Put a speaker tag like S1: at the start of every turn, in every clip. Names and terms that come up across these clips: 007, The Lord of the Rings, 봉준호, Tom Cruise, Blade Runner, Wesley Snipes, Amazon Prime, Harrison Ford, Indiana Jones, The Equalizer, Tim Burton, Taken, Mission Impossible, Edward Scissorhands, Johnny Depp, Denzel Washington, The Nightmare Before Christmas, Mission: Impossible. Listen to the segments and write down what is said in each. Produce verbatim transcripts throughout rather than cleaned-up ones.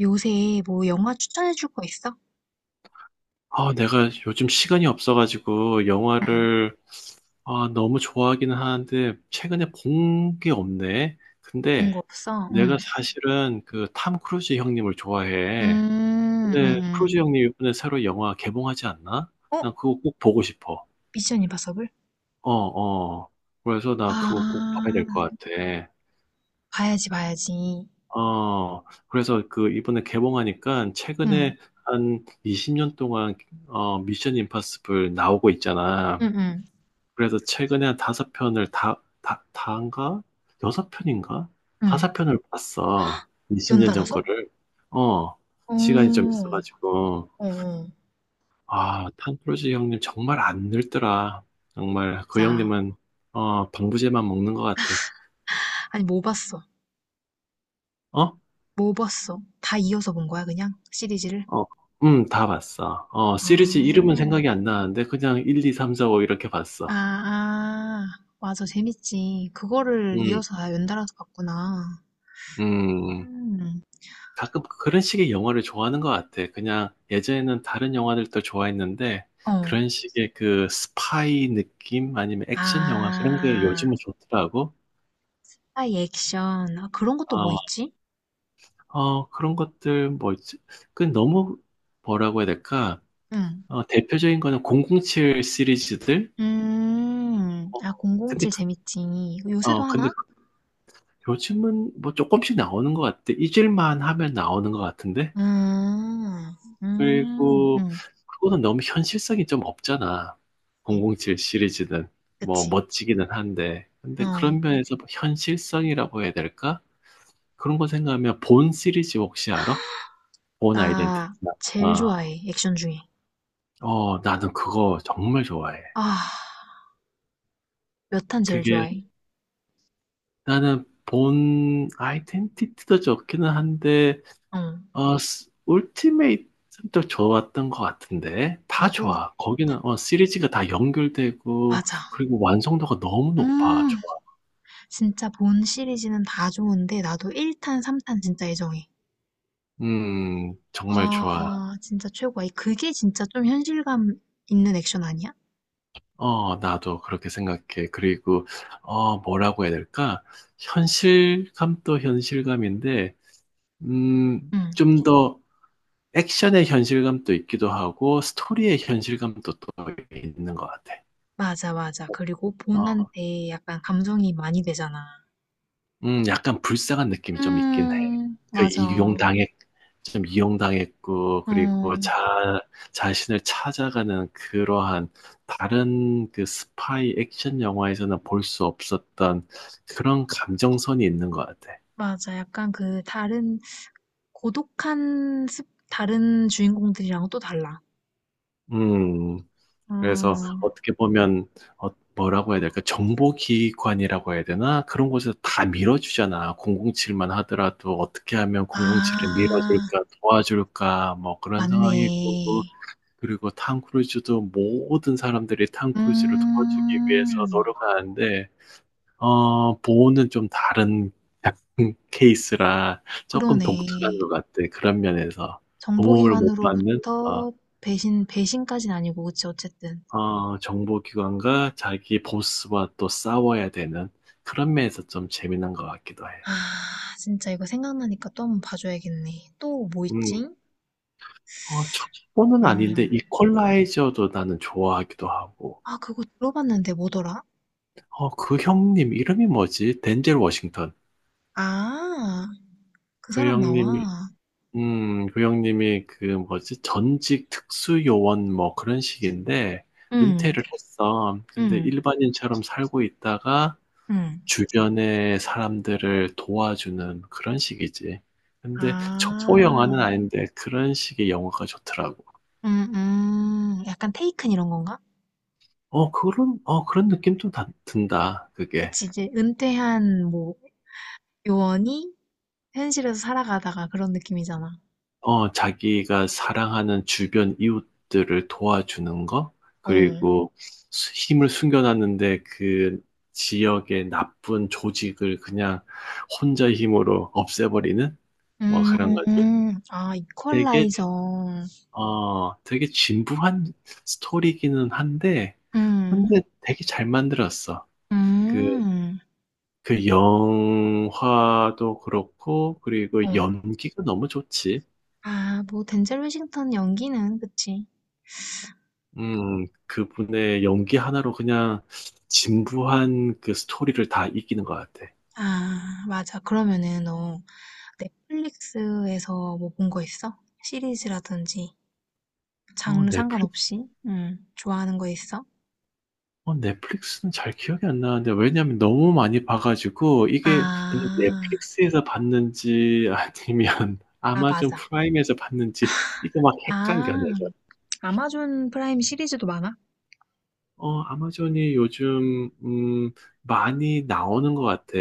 S1: 요새 뭐 영화 추천해줄 거 있어?
S2: 아, 내가 요즘 시간이 없어가지고
S1: 응.
S2: 영화를 아, 너무 좋아하기는 하는데 최근에 본 게 없네.
S1: 본
S2: 근데
S1: 거 없어? 응.
S2: 내가 사실은 그 탐 크루즈 형님을 좋아해.
S1: 음,
S2: 근데
S1: 음,
S2: 크루즈 형님 이번에 새로 영화 개봉하지 않나?
S1: 음. 어?
S2: 난 그거 꼭 보고 싶어.
S1: 미션 임파서블?
S2: 어, 어. 그래서 나 그거 꼭 봐야
S1: 아,
S2: 될 것 같아.
S1: 봐야지, 봐야지.
S2: 어, 그래서 그 이번에 개봉하니까
S1: 응,
S2: 최근에 한 이십 년 동안 어, 미션 임파서블 나오고 있잖아.
S1: 응, 응,
S2: 그래서 최근에 한 다섯 편을 다, 다, 다인가? 여섯 편인가? 다섯
S1: 응.
S2: 편을 봤어. 이십 년 전
S1: 연달아서?
S2: 거를. 어,
S1: 어,
S2: 시간이 좀 있어가지고.
S1: 어, 어.
S2: 아, 탄프로지 형님 정말 안 늙더라. 정말 그
S1: 자,
S2: 형님은, 어, 방부제만 먹는 것 같아.
S1: 아니, 뭐 봤어?
S2: 어?
S1: 뭐 봤어? 다 이어서 본 거야, 그냥? 시리즈를?
S2: 어, 음, 다 봤어. 어,
S1: 아,
S2: 시리즈 이름은 생각이 안 나는데 그냥 일, 이, 삼, 사, 오 이렇게
S1: 아,
S2: 봤어.
S1: 아. 맞아, 재밌지. 그거를
S2: 음,
S1: 이어서 다 연달아서 봤구나.
S2: 음.
S1: 음,
S2: 가끔 그런 식의 영화를 좋아하는 것 같아. 그냥 예전에는 다른 영화들도 좋아했는데
S1: 어.
S2: 그런 식의 그 스파이 느낌 아니면 액션 영화 그런 게
S1: 아,
S2: 요즘은 좋더라고.
S1: 스파이 액션. 아, 그런 것도 뭐
S2: 어,
S1: 있지?
S2: 어, 그런 것들 뭐 있지? 그 너무 뭐라고 해야 될까?
S1: 응.
S2: 어, 대표적인 거는 공공칠 시리즈들.
S1: 음,
S2: 뭐,
S1: 아,
S2: 근데
S1: 공공칠
S2: 그-
S1: 재밌지. 이거 요새도
S2: 어, 근데
S1: 하나?
S2: 그- 요즘은 뭐 조금씩 나오는 것 같아. 잊을만 하면 나오는 것 같은데.
S1: 음, 음,
S2: 그리고
S1: 음.
S2: 그거는 너무 현실성이 좀 없잖아.
S1: 네.
S2: 공공칠 시리즈는 뭐
S1: 그치.
S2: 멋지기는 한데 근데
S1: 어.
S2: 그런 면에서 뭐 현실성이라고 해야 될까? 그런 거 생각하면 본 시리즈 혹시 알아? 본 아이덴티티.
S1: 나 제일
S2: 아,
S1: 좋아해, 액션 중에.
S2: 어, 나는 그거 정말 좋아해.
S1: 아, 몇 탄 제일
S2: 그게
S1: 좋아해.
S2: 나는 본 아이덴티티도 좋기는 한데
S1: 응,
S2: 어, 스- 울티메이트도 좋았던 것 같은데, 다
S1: 나도,
S2: 좋아. 거기는, 어, 시리즈가 다 연결되고,
S1: 맞아.
S2: 그리고 완성도가 너무 높아.
S1: 음,
S2: 좋아.
S1: 진짜 본 시리즈는 다 좋은데, 나도 일 탄, 삼 탄 진짜 애정해.
S2: 음, 정말 좋아.
S1: 아, 진짜 최고야. 그게 진짜 좀 현실감 있는 액션 아니야?
S2: 어, 나도 그렇게 생각해. 그리고, 어, 뭐라고 해야 될까? 현실감도 현실감인데, 음,
S1: 응.
S2: 좀 더 액션의 현실감도 있기도 하고, 스토리의 현실감도 또 있는 것 같아.
S1: 맞아, 맞아. 그리고
S2: 어,
S1: 본한테 약간 감정이 많이 되잖아.
S2: 음, 약간 불쌍한 느낌이 좀 있긴 해.
S1: 음,
S2: 그
S1: 맞아. 어,
S2: 이용당해 좀 이용당했고, 그리고 자, 자신을 찾아가는 그러한 다른 그 스파이 액션 영화에서는 볼 수 없었던 그런 감정선이 있는 것 같아.
S1: 맞아. 약간 그 다른 고독한 습, 다른 주인공들이랑 또 달라.
S2: 음, 그래서
S1: 음,
S2: 어떻게 보면, 어, 뭐라고 해야 될까? 정보기관이라고 해야 되나? 그런 곳에서 다 밀어주잖아. 공공칠만 하더라도 어떻게 하면 공공칠을
S1: 아,
S2: 밀어줄까, 도와줄까, 뭐 그런 상황이고.
S1: 맞네.
S2: 그리고 탐 크루즈도 모든 사람들이 탐 크루즈를 도와주기
S1: 음,
S2: 위해서 노력하는데 어, 보호는 좀 다른 케이스라 조금
S1: 그러네.
S2: 독특한 것 같아. 그런 면에서 도움을 못 받는 어,
S1: 정보기관으로부터 배신, 배신까진 아니고, 그치, 어쨌든.
S2: 어, 정보기관과 자기 보스와 또 싸워야 되는 그런 면에서 좀 재미난 것 같기도 해.
S1: 아, 진짜 이거 생각나니까 또 한 번 봐줘야겠네. 또 뭐
S2: 음,
S1: 있지?
S2: 어, 첩보는
S1: 음,
S2: 아닌데 이퀄라이저도 나는 좋아하기도 하고.
S1: 아, 그거 들어봤는데 뭐더라?
S2: 어, 그 형님 이름이 뭐지? 덴젤 워싱턴.
S1: 아, 그
S2: 그
S1: 사람
S2: 형님이
S1: 나와.
S2: 음, 고영님이 그 뭐지? 전직 특수요원 뭐 그런 식인데
S1: 응,
S2: 은퇴를 했어. 근데
S1: 응,
S2: 일반인처럼 살고 있다가
S1: 응.
S2: 주변의 사람들을 도와주는 그런 식이지. 근데
S1: 아,
S2: 첩보 영화는 아닌데 그런 식의 영화가 좋더라고.
S1: 음, 음. 약간 테이큰 이런 건가?
S2: 어, 그런, 어, 그런 느낌 좀 다- 든다. 그게.
S1: 그치, 이제 은퇴한 뭐 요원이 현실에서 살아가다가 그런 느낌이잖아.
S2: 어, 자기가 사랑하는 주변 이웃들을 도와주는 거,
S1: 어.
S2: 그리고 수- 힘을 숨겨놨는데 그 지역의 나쁜 조직을 그냥 혼자 힘으로 없애버리는 뭐
S1: 음,
S2: 그런 거지.
S1: 음. 아,
S2: 되게,
S1: 이퀄라이저.
S2: 어, 되게 진부한 스토리기는 한데,
S1: 음,
S2: 근데 되게 잘 만들었어. 그,
S1: 음.
S2: 그 영화도 그렇고, 그리고
S1: 어.
S2: 연기가 너무 좋지.
S1: 아, 뭐 덴젤 워싱턴 연기는 그치.
S2: 음, 그분의 연기 하나로 그냥 진부한 그 스토리를 다 이기는 것 같아.
S1: 아, 맞아. 그러면은 너 네. 넷플릭스에서 뭐 본거 있어? 시리즈라든지
S2: 어,
S1: 장르
S2: 넷플릭스?
S1: 상관없이? 응. 좋아하는 거 있어?
S2: 어, 넷플릭스는 잘 기억이 안 나는데, 왜냐면 너무 많이 봐가지고, 이게 내가
S1: 아,
S2: 넷플릭스에서 봤는지, 아니면
S1: 아
S2: 아마존
S1: 맞아.
S2: 프라임에서 봤는지, 이거 막 헷갈려,
S1: 아,
S2: 내가.
S1: 아마존 프라임 시리즈도 많아?
S2: 어, 아마존이 요즘, 음, 많이 나오는 것 같아.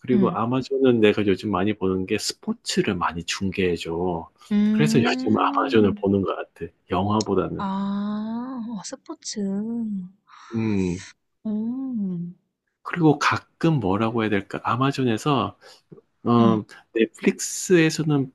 S2: 그리고
S1: 응.
S2: 아마존은 내가 요즘 많이 보는 게 스포츠를 많이 중계해줘. 그래서 요즘 아마존을
S1: 음.
S2: 보는 것 같아. 영화보다는.
S1: 아, 어, 스포츠. 응,
S2: 음,
S1: 음.
S2: 그리고 가끔 뭐라고 해야 될까? 아마존에서,
S1: 응,
S2: 음, 넷플릭스에서는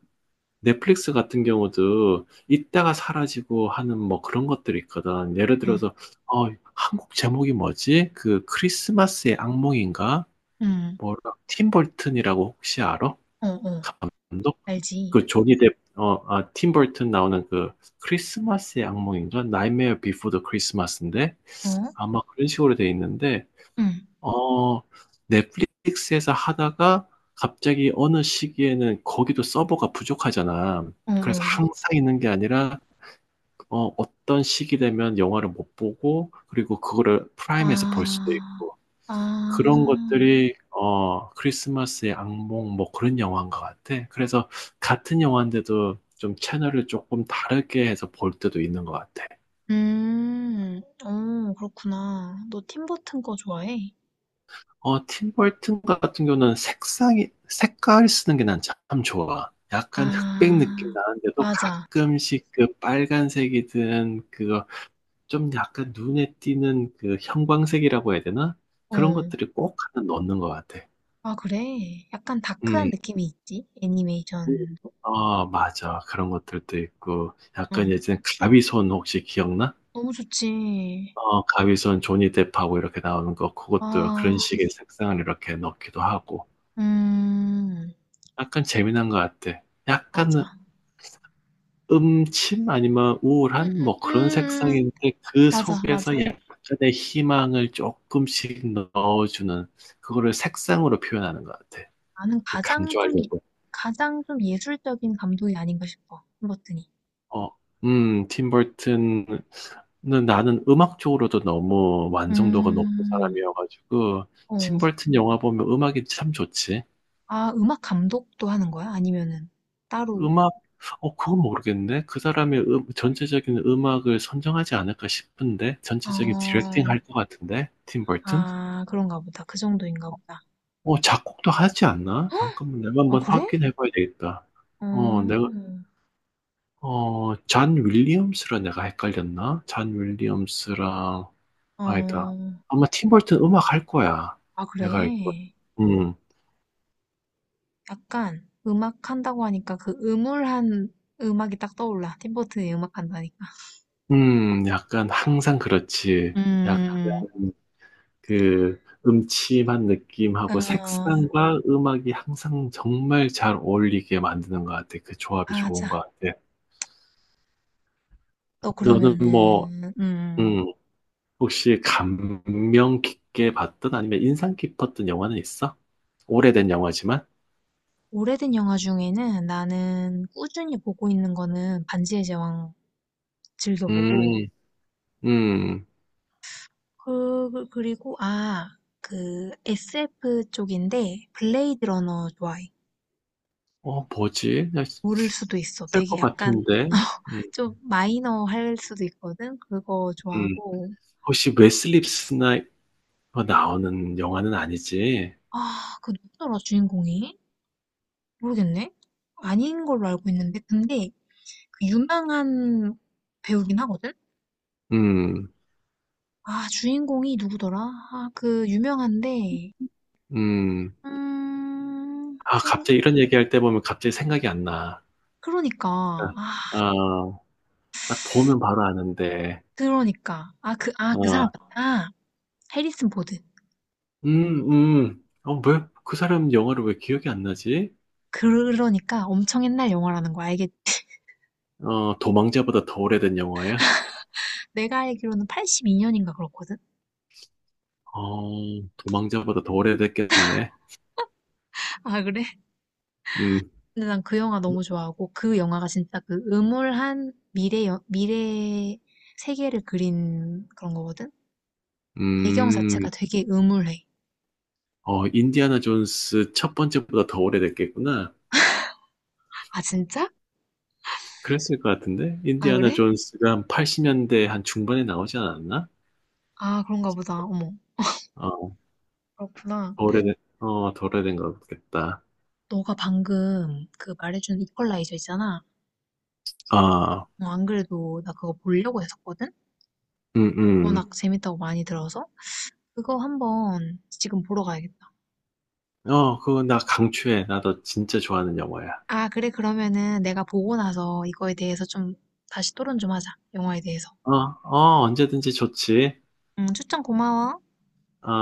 S2: 넷플릭스 같은 경우도 있다가 사라지고 하는 뭐 그런 것들이 있거든. 예를
S1: 응.
S2: 들어서, 어, 한국 제목이 뭐지? 그 크리스마스의 악몽인가?
S1: 응.
S2: 뭐라 팀 버튼이라고 혹시 알아?
S1: 어, 어.
S2: 감독?
S1: 알지?
S2: 그 조니 뎁, 어, 아, 팀 버튼 나오는 그 크리스마스의 악몽인가? 나이메어 비포 더 크리스마스인데
S1: 어?
S2: 아마 그런 식으로 돼 있는데
S1: 응.
S2: 어 넷플릭스에서 하다가 갑자기 어느 시기에는 거기도 서버가 부족하잖아.
S1: 어,
S2: 그래서
S1: 어.
S2: 항상 있는 게 아니라 어, 어떤 시기 되면 영화를 못 보고 그리고 그거를 프라임에서 볼 수도
S1: 아,
S2: 있고 그런
S1: 아.
S2: 것들이 어 크리스마스의 악몽 뭐 그런 영화인 것 같아. 그래서 같은 영화인데도 좀 채널을 조금 다르게 해서 볼 때도 있는 것 같아.
S1: 음. 오 그렇구나. 너 팀 버튼 거 좋아해?
S2: 어, 팀 버튼 같은 경우는 색상이 색깔 쓰는 게 난 참 좋아. 약간 흑백 느낌
S1: 아,
S2: 나는데도
S1: 맞아.
S2: 가끔씩 그 빨간색이든 그거 좀 약간 눈에 띄는 그 형광색이라고 해야 되나? 그런
S1: 어.
S2: 것들이 꼭 하나 넣는 것 같아.
S1: 아, 그래? 약간 다크한
S2: 음.
S1: 느낌이 있지? 애니메이션.
S2: 어, 맞아. 그런 것들도 있고.
S1: 어.
S2: 약간 예전에 가위손 혹시 기억나?
S1: 너무 좋지.
S2: 어, 가위손 조니 뎁하고 이렇게 나오는 거. 그것도 그런
S1: 아,
S2: 식의 색상을 이렇게 넣기도 하고.
S1: 음.
S2: 약간 재미난 것 같아.
S1: 맞아.
S2: 약간 음침 아니면
S1: 음,
S2: 우울한
S1: 음,
S2: 뭐
S1: 음.
S2: 그런
S1: 음.
S2: 색상인데 그
S1: 맞아,
S2: 속에서
S1: 맞아.
S2: 약간의 희망을 조금씩 넣어주는 그거를 색상으로 표현하는 것 같아.
S1: 나는
S2: 그
S1: 가장 좀, 이-
S2: 강조하려고.
S1: 가장 좀 예술적인 감독이 아닌가 싶어. 팀 버튼이.
S2: 어, 음, 팀 버튼은 나는 음악 쪽으로도 너무 완성도가 높은
S1: 음.
S2: 사람이어가지고,
S1: 어.
S2: 팀 버튼 영화 보면 음악이 참 좋지.
S1: 아, 음악 감독도 하는 거야? 아니면은 따로?
S2: 음악, 어, 그건 모르겠네. 그 사람의 음, 전체적인 음악을 선정하지 않을까 싶은데, 전체적인 디렉팅
S1: 아..
S2: 할 것 같은데, 팀 버튼?
S1: 아, 그런가 보다. 그 정도인가 보다.
S2: 어, 작곡도 하지 않나? 잠깐만, 내가
S1: 아,
S2: 한번
S1: 그래?
S2: 확인해 봐야 되겠다.
S1: 어,
S2: 어, 내가, 어, 잔 윌리엄스랑 내가 헷갈렸나? 잔 윌리엄스랑, 아니다.
S1: 어,
S2: 아마 팀 버튼 음악 할 거야.
S1: 아,
S2: 내가 알기로.
S1: 그래.
S2: 음,
S1: 약간 음악 한다고 하니까 그 음울한 음악이 딱 떠올라. 팀버튼이 음악 한다니까.
S2: 음, 약간 항상 그렇지. 약간
S1: 음, 음,
S2: 그 음침한 느낌하고
S1: 음. 어,
S2: 색상과 음악이 항상 정말 잘 어울리게 만드는 것 같아. 그 조합이
S1: 아
S2: 좋은 것
S1: 자
S2: 같아.
S1: 너
S2: 너는 뭐,
S1: 그러면은, 음,
S2: 음, 혹시 감명 깊게 봤던 아니면 인상 깊었던 영화는 있어? 오래된 영화지만?
S1: 오래된 영화 중에는 나는 꾸준히 보고 있는 거는 반지의 제왕 즐겨보고,
S2: 음, 음,
S1: 그, 그- 그리고, 아, 그 에스에프 쪽인데 블레이드 러너 좋아해.
S2: 어, 뭐지?
S1: 모를 수도 있어.
S2: 있을
S1: 되게
S2: 것
S1: 약간
S2: 같은데. 음.
S1: 좀 마이너 할 수도 있거든. 그거
S2: 음.
S1: 좋아하고.
S2: 혹시 웨슬리 스나이퍼 나오는 영화는 아니지?
S1: 아, 그 누구더라 주인공이? 모르겠네. 아닌 걸로 알고 있는데 근데 그 유명한 배우긴 하거든.
S2: 음,
S1: 아, 주인공이 누구더라? 아, 그 유명한데
S2: 음.
S1: 음,
S2: 아,
S1: 생
S2: 갑자기 이런 얘기할 때 보면 갑자기 생각이 안 나.
S1: 그러니까 아,
S2: 아, 어, 딱 보면 바로 아는데.
S1: 그러니까 아, 그, 아, 그 사람
S2: 어,
S1: 같다. 아, 해리슨 보드.
S2: 음, 음. 어, 왜, 그 사람 영화를 왜 기억이 안 나지?
S1: 그러니까 엄청 옛날 영화라는 거 알겠지?
S2: 어, 도망자보다 더 오래된 영화야?
S1: 내가 알기로는 팔십이 년인가 그렇거든.
S2: 어, 도망자보다 더 오래됐겠네.
S1: 아, 그래?
S2: 음,
S1: 근데 난 그 영화 너무 좋아하고 그 영화가 진짜 그 음울한 미래 여- 미래 세계를 그린 그런 거거든. 배경
S2: 음.
S1: 자체가 되게 음울해.
S2: 어, 인디아나 존스 첫 번째보다 더 오래됐겠구나.
S1: 아 진짜?
S2: 그랬을 것 같은데?
S1: 아
S2: 인디아나
S1: 그래?
S2: 존스가 한 팔십 년대 한 중반에 나오지 않았나?
S1: 아 그런가 보다. 어머
S2: 어,
S1: 그렇구나.
S2: 더 오래된, 어, 더 오래된 것 같겠다.
S1: 너가 방금 그 말해준 이퀄라이저 있잖아.
S2: 아,
S1: 어, 안 그래도 나 그거 보려고 했었거든.
S2: 음,
S1: 워낙
S2: 음.
S1: 재밌다고 많이 들어서 그거 한번 지금 보러 가야겠다.
S2: 어, 그거 나 강추해. 나도 진짜 좋아하는 영화야.
S1: 아 그래 그러면은 내가 보고 나서 이거에 대해서 좀 다시 토론 좀 하자. 영화에 대해서.
S2: 어, 어, 언제든지 좋지.
S1: 응 추천 고마워.
S2: 어.